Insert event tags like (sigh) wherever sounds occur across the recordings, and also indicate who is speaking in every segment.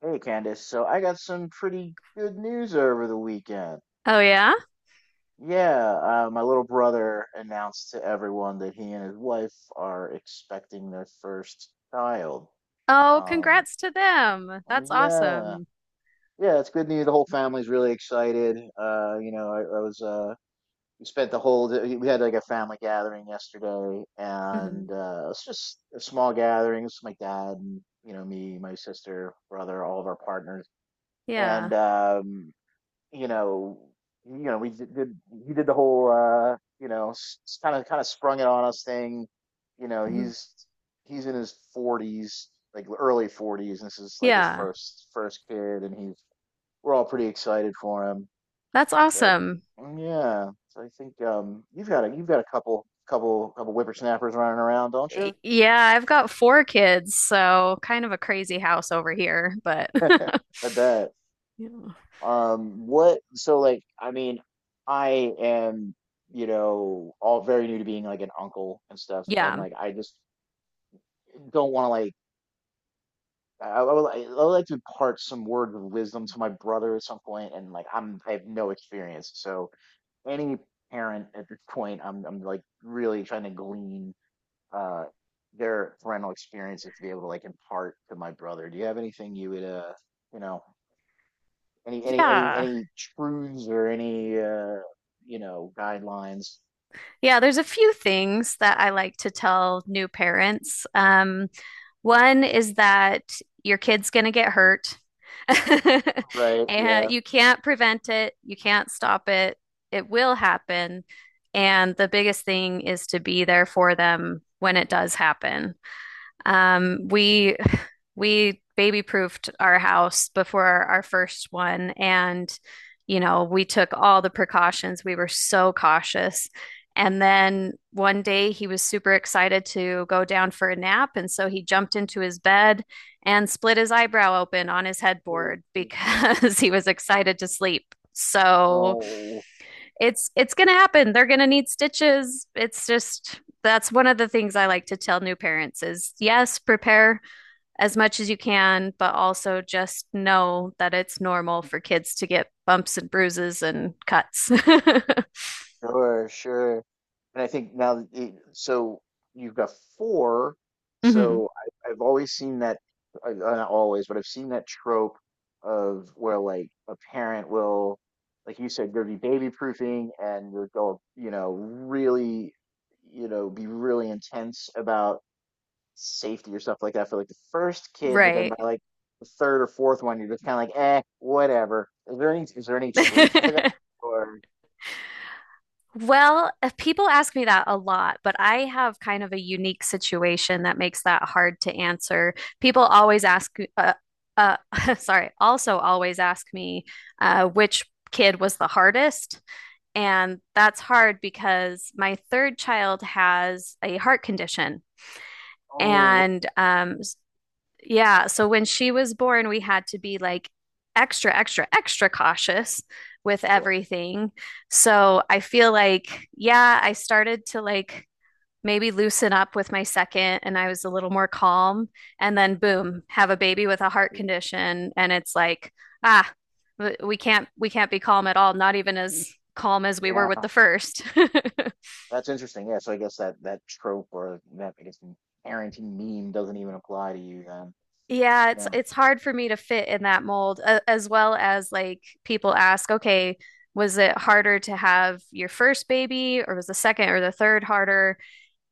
Speaker 1: Hey Candace, so I got some pretty good news over the weekend.
Speaker 2: Oh yeah?
Speaker 1: Yeah, my little brother announced to everyone that he and his wife are expecting their first child.
Speaker 2: Oh,
Speaker 1: Um,
Speaker 2: congrats to them. That's
Speaker 1: yeah,
Speaker 2: awesome.
Speaker 1: yeah, it's good news. The whole family's really excited. I was we spent the whole we had like a family gathering yesterday, and
Speaker 2: Hmm
Speaker 1: it's just a small gathering. It's my dad and you know me, my sister, brother, all of our partners. And
Speaker 2: Yeah.
Speaker 1: you know, you know, we did he did the whole kind of sprung it on us thing. You know,
Speaker 2: hmm
Speaker 1: he's in his 40s, like early 40s. This is like his
Speaker 2: Yeah.
Speaker 1: first kid, and he's, we're all pretty excited for him.
Speaker 2: That's
Speaker 1: So,
Speaker 2: awesome.
Speaker 1: yeah, so I think you've got a couple whippersnappers running around, don't
Speaker 2: Y-
Speaker 1: you?
Speaker 2: Yeah, I've got four kids, so kind of a crazy house over here, but (laughs)
Speaker 1: I bet.
Speaker 2: Yeah.
Speaker 1: What, so like, I mean, I am, you know, all very new to being like an uncle and stuff, and
Speaker 2: Yeah.
Speaker 1: like, I just don't want to like, I, I would, I would like to impart some words of wisdom to my brother at some point, and like, I have no experience, so any parent at this point, I'm like really trying to glean uh, their parental experiences to be able to like impart to my brother. Do you have anything you would, you know? Any any any
Speaker 2: Yeah.
Speaker 1: any truths or any guidelines?
Speaker 2: Yeah, there's a few things that I like to tell new parents. One is that your kid's going to get hurt (laughs)
Speaker 1: Right,
Speaker 2: and
Speaker 1: yeah.
Speaker 2: you can't prevent it, you can't stop it. It will happen. And the biggest thing is to be there for them when it does happen. We baby proofed our house before our first one, and you know, we took all the precautions. We were so cautious. And then one day he was super excited to go down for a nap, and so he jumped into his bed and split his eyebrow open on his
Speaker 1: Mm.
Speaker 2: headboard because (laughs) he was excited to sleep. So
Speaker 1: Oh,
Speaker 2: it's gonna happen. They're gonna need stitches. It's just that's one of the things I like to tell new parents is yes, prepare as much as you can, but also just know that it's normal for kids to get bumps and bruises and cuts. (laughs)
Speaker 1: sure, sure. And I think now that it, so you've got four.
Speaker 2: Mhm.
Speaker 1: So I, I've always seen that, I, not always, but I've seen that trope of where like a parent will, like you said, go do baby proofing and they'll go, you know, really, you know, be really intense about safety or stuff like that for like the first kid, but then by
Speaker 2: Right.
Speaker 1: like the third or fourth one, you're just kind of like, eh, whatever. Is there any truth to that?
Speaker 2: (laughs)
Speaker 1: Or
Speaker 2: Well, people ask me that a lot, but I have kind of a unique situation that makes that hard to answer. People always ask, uh, (laughs) sorry, also always ask me which kid was the hardest. And that's hard because my third child has a heart condition.
Speaker 1: oh,
Speaker 2: And
Speaker 1: right.
Speaker 2: yeah, so when she was born, we had to be like extra, extra, extra cautious with
Speaker 1: Sure.
Speaker 2: everything. So I feel like, yeah, I started to like maybe loosen up with my second and I was a little more calm. And then, boom, have a baby with a
Speaker 1: I
Speaker 2: heart
Speaker 1: mean,
Speaker 2: condition. And it's like, ah, we can't be calm at all, not even as calm as we were with
Speaker 1: yeah,
Speaker 2: the first. (laughs)
Speaker 1: that's interesting. Yeah, so I guess that that trope or that I guess parenting meme doesn't even apply to you then.
Speaker 2: Yeah, it's
Speaker 1: Yeah.
Speaker 2: it's hard for me to fit in that mold, as well as like people ask, okay, was it harder to have your first baby, or was the second or the third harder?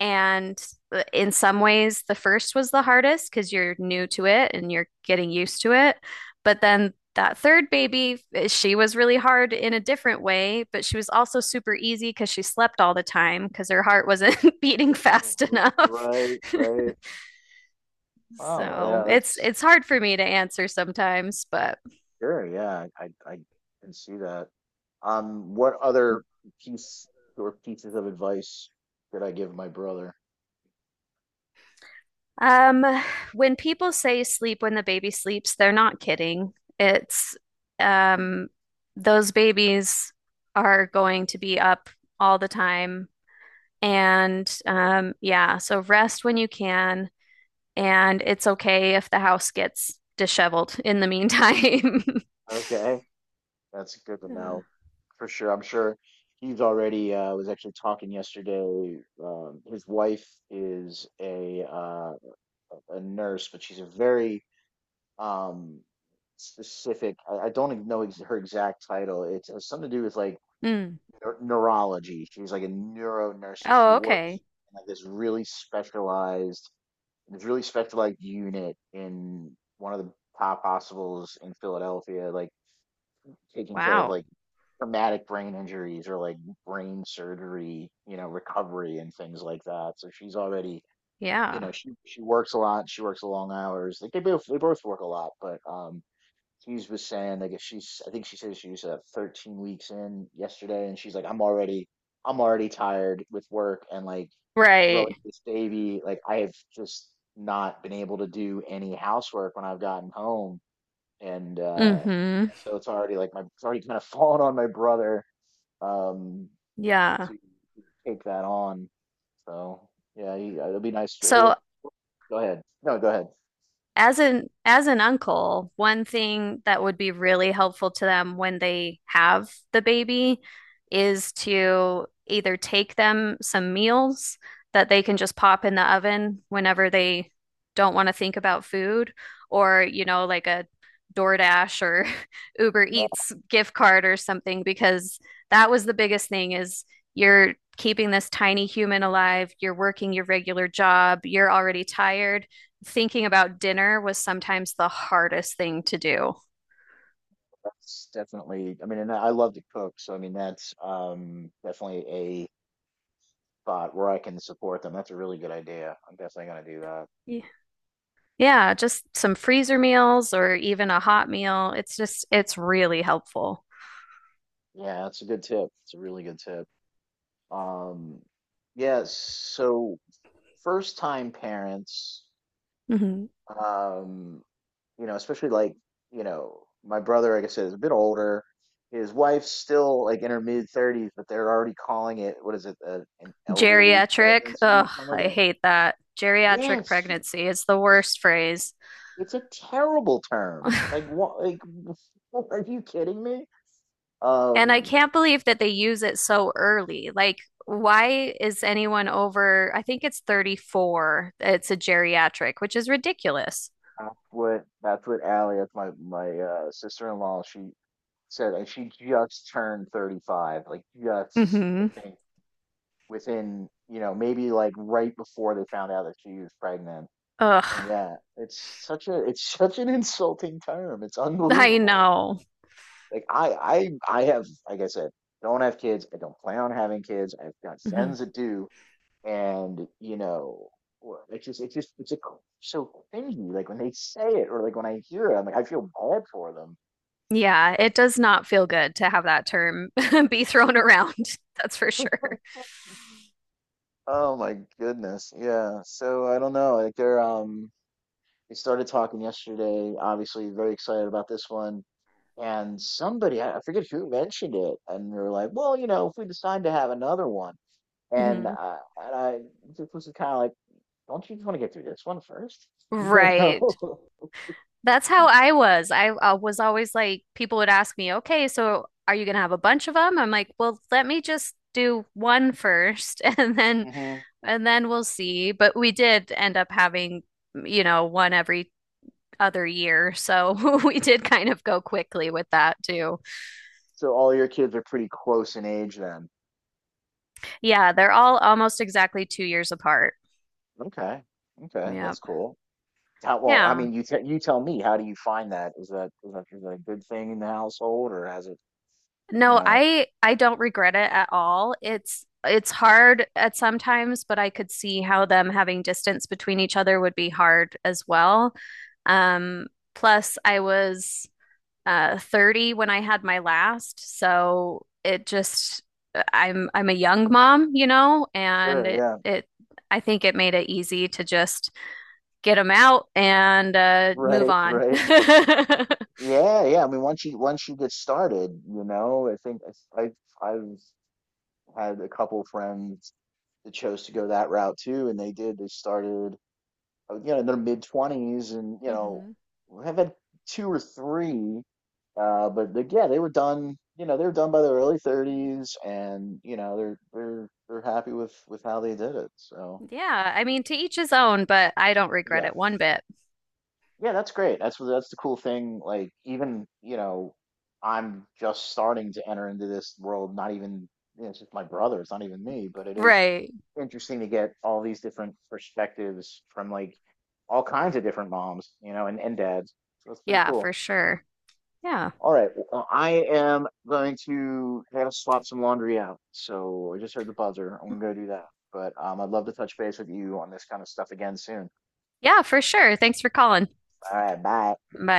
Speaker 2: And in some ways, the first was the hardest because you're new to it and you're getting used to it. But then that third baby, eh, she was really hard in a different way, but she was also super easy because she slept all the time because her heart wasn't (laughs) beating fast enough.
Speaker 1: Right.
Speaker 2: (laughs)
Speaker 1: Right. Oh, yeah.
Speaker 2: So it's
Speaker 1: That's
Speaker 2: it's hard for me to answer sometimes, but
Speaker 1: sure. Yeah, I can see that. What other piece or pieces of advice could I give my brother?
Speaker 2: um, when people say sleep when the baby sleeps, they're not kidding. It's um, those babies are going to be up all the time. And yeah, so rest when you can. And it's okay if the house gets disheveled in the meantime. (laughs)
Speaker 1: Okay, that's good to
Speaker 2: Yeah.
Speaker 1: know for sure. I'm sure he's already was actually talking yesterday. His wife is a nurse, but she's a very um specific, I don't even know ex her exact title. It has something to do with like
Speaker 2: Mm.
Speaker 1: neurology. She's like a neuro nurse. She
Speaker 2: Oh, okay.
Speaker 1: works in like this really specialized unit in one of the top hospitals in Philadelphia, like taking care of
Speaker 2: Wow.
Speaker 1: like traumatic brain injuries or like brain surgery, you know, recovery and things like that. So she's already, you
Speaker 2: Yeah.
Speaker 1: know, she works a lot. She works long hours. Like they both work a lot, but Hughes was saying like if she's, I think she said she was 13 weeks in yesterday, and she's like I'm already tired with work and like growing
Speaker 2: Right.
Speaker 1: this baby. Like I have just not been able to do any housework when I've gotten home, and
Speaker 2: Mm-hmm.
Speaker 1: so it's already like my it's already kind of (laughs) fallen on my brother, um,
Speaker 2: Yeah.
Speaker 1: to take that on. So yeah, he, it'll be nice. For,
Speaker 2: So
Speaker 1: he'll, go ahead. No, go ahead.
Speaker 2: as an uncle, one thing that would be really helpful to them when they have the baby is to either take them some meals that they can just pop in the oven whenever they don't want to think about food, or like a DoorDash or (laughs) Uber
Speaker 1: No,
Speaker 2: Eats gift card or something, because that was the biggest thing is you're keeping this tiny human alive, you're working your regular job, you're already tired thinking about dinner was sometimes the hardest thing to do.
Speaker 1: that's definitely. I mean, and I love to cook, so I mean that's definitely a spot where I can support them. That's a really good idea. I'm definitely gonna do that.
Speaker 2: Yeah. Yeah, just some freezer meals or even a hot meal. It's just, it's really helpful.
Speaker 1: Yeah, that's a good tip. It's a really good tip. Um, yeah. So first time parents.
Speaker 2: Mhm.
Speaker 1: Um, you know, especially like, you know, my brother, like I said, is a bit older. His wife's still like in her mid thirties, but they're already calling it, what is it, an elderly
Speaker 2: Geriatric, ugh,
Speaker 1: pregnancy, something like
Speaker 2: I
Speaker 1: that.
Speaker 2: hate that. Geriatric
Speaker 1: Yes,
Speaker 2: pregnancy, it's the worst phrase.
Speaker 1: it's a terrible term. Like
Speaker 2: (laughs)
Speaker 1: what? Like, (laughs) are you kidding me?
Speaker 2: And I
Speaker 1: Um,
Speaker 2: can't believe that they use it so early. Like, why is anyone over, I think it's 34, it's a geriatric, which is ridiculous.
Speaker 1: that's what Allie, that's my sister-in-law, she said, and she just turned 35, like just
Speaker 2: Mhm.
Speaker 1: I think within, you know, maybe like right before they found out that she was pregnant.
Speaker 2: Ugh,
Speaker 1: And yeah, it's such a it's (laughs) such an insulting term. It's
Speaker 2: I
Speaker 1: unbelievable.
Speaker 2: know.
Speaker 1: Like I have, like I said, don't have kids. I don't plan on having kids. I've got
Speaker 2: Mhm.
Speaker 1: friends that do, and you know, it's a, so cringy. Like when they say it, or like when I hear it, I'm like I feel bad for them.
Speaker 2: Yeah, it does not feel good to have that term (laughs) be thrown around. (laughs) That's for sure.
Speaker 1: Oh my goodness, yeah. So I don't know. Like they're they started talking yesterday. Obviously, very excited about this one. And somebody, I forget who mentioned it, and they were like, "Well, you know, if we decide to have another one," and
Speaker 2: hmm
Speaker 1: I just was kind of like, "Don't you just want to get through this one first? (laughs) You
Speaker 2: Right.
Speaker 1: know?"
Speaker 2: That's how I was. I was always like, people would ask me, okay, so are you going to have a bunch of them? I'm like, well, let me just do one first (laughs)
Speaker 1: (laughs) Hmm.
Speaker 2: and then we'll see. But we did end up having, you know, one every other year. So (laughs) we did kind of go quickly with that too.
Speaker 1: So all your kids are pretty close in age then.
Speaker 2: Yeah, they're all almost exactly 2 years apart.
Speaker 1: Okay, okay, that's
Speaker 2: Yep.
Speaker 1: cool. How, well, I
Speaker 2: Yeah.
Speaker 1: mean, you tell me. How do you find that? Is that a good thing in the household, or has it, you
Speaker 2: No,
Speaker 1: know?
Speaker 2: I don't regret it at all. It's hard at sometimes, but I could see how them having distance between each other would be hard as well. Um, plus I was 30 when I had my last, so it just I'm a young mom, you know, and
Speaker 1: Sure,
Speaker 2: it
Speaker 1: yeah,
Speaker 2: it I think it made it easy to just get them out and move
Speaker 1: right,
Speaker 2: on.
Speaker 1: right.
Speaker 2: (laughs)
Speaker 1: Yeah, yeah. I mean, once you get started, you know, I think I I had a couple friends that chose to go that route too, and they did. They started, you know, in their mid twenties, and you know,
Speaker 2: hmm
Speaker 1: I've had two or three, but they, yeah, they were done. You know, they were done by their early 30s, and you know, they're happy with how they did it. So
Speaker 2: Yeah, I mean, to each his own, but I don't regret
Speaker 1: yeah,
Speaker 2: it one bit.
Speaker 1: yeah, that's great. That's the cool thing. Like even, you know, I'm just starting to enter into this world, not even, you know, it's just my brother, it's not even me, but it is
Speaker 2: Right.
Speaker 1: interesting to get all these different perspectives from like all kinds of different moms, you know, and dads. So that's pretty
Speaker 2: Yeah, for
Speaker 1: cool.
Speaker 2: sure. Yeah.
Speaker 1: All right, I am going to I gotta swap some laundry out. So I just heard the buzzer. I'm gonna go do that. But I'd love to touch base with you on this kind of stuff again soon.
Speaker 2: Yeah, for sure. Thanks for calling.
Speaker 1: All right, bye.
Speaker 2: Bye.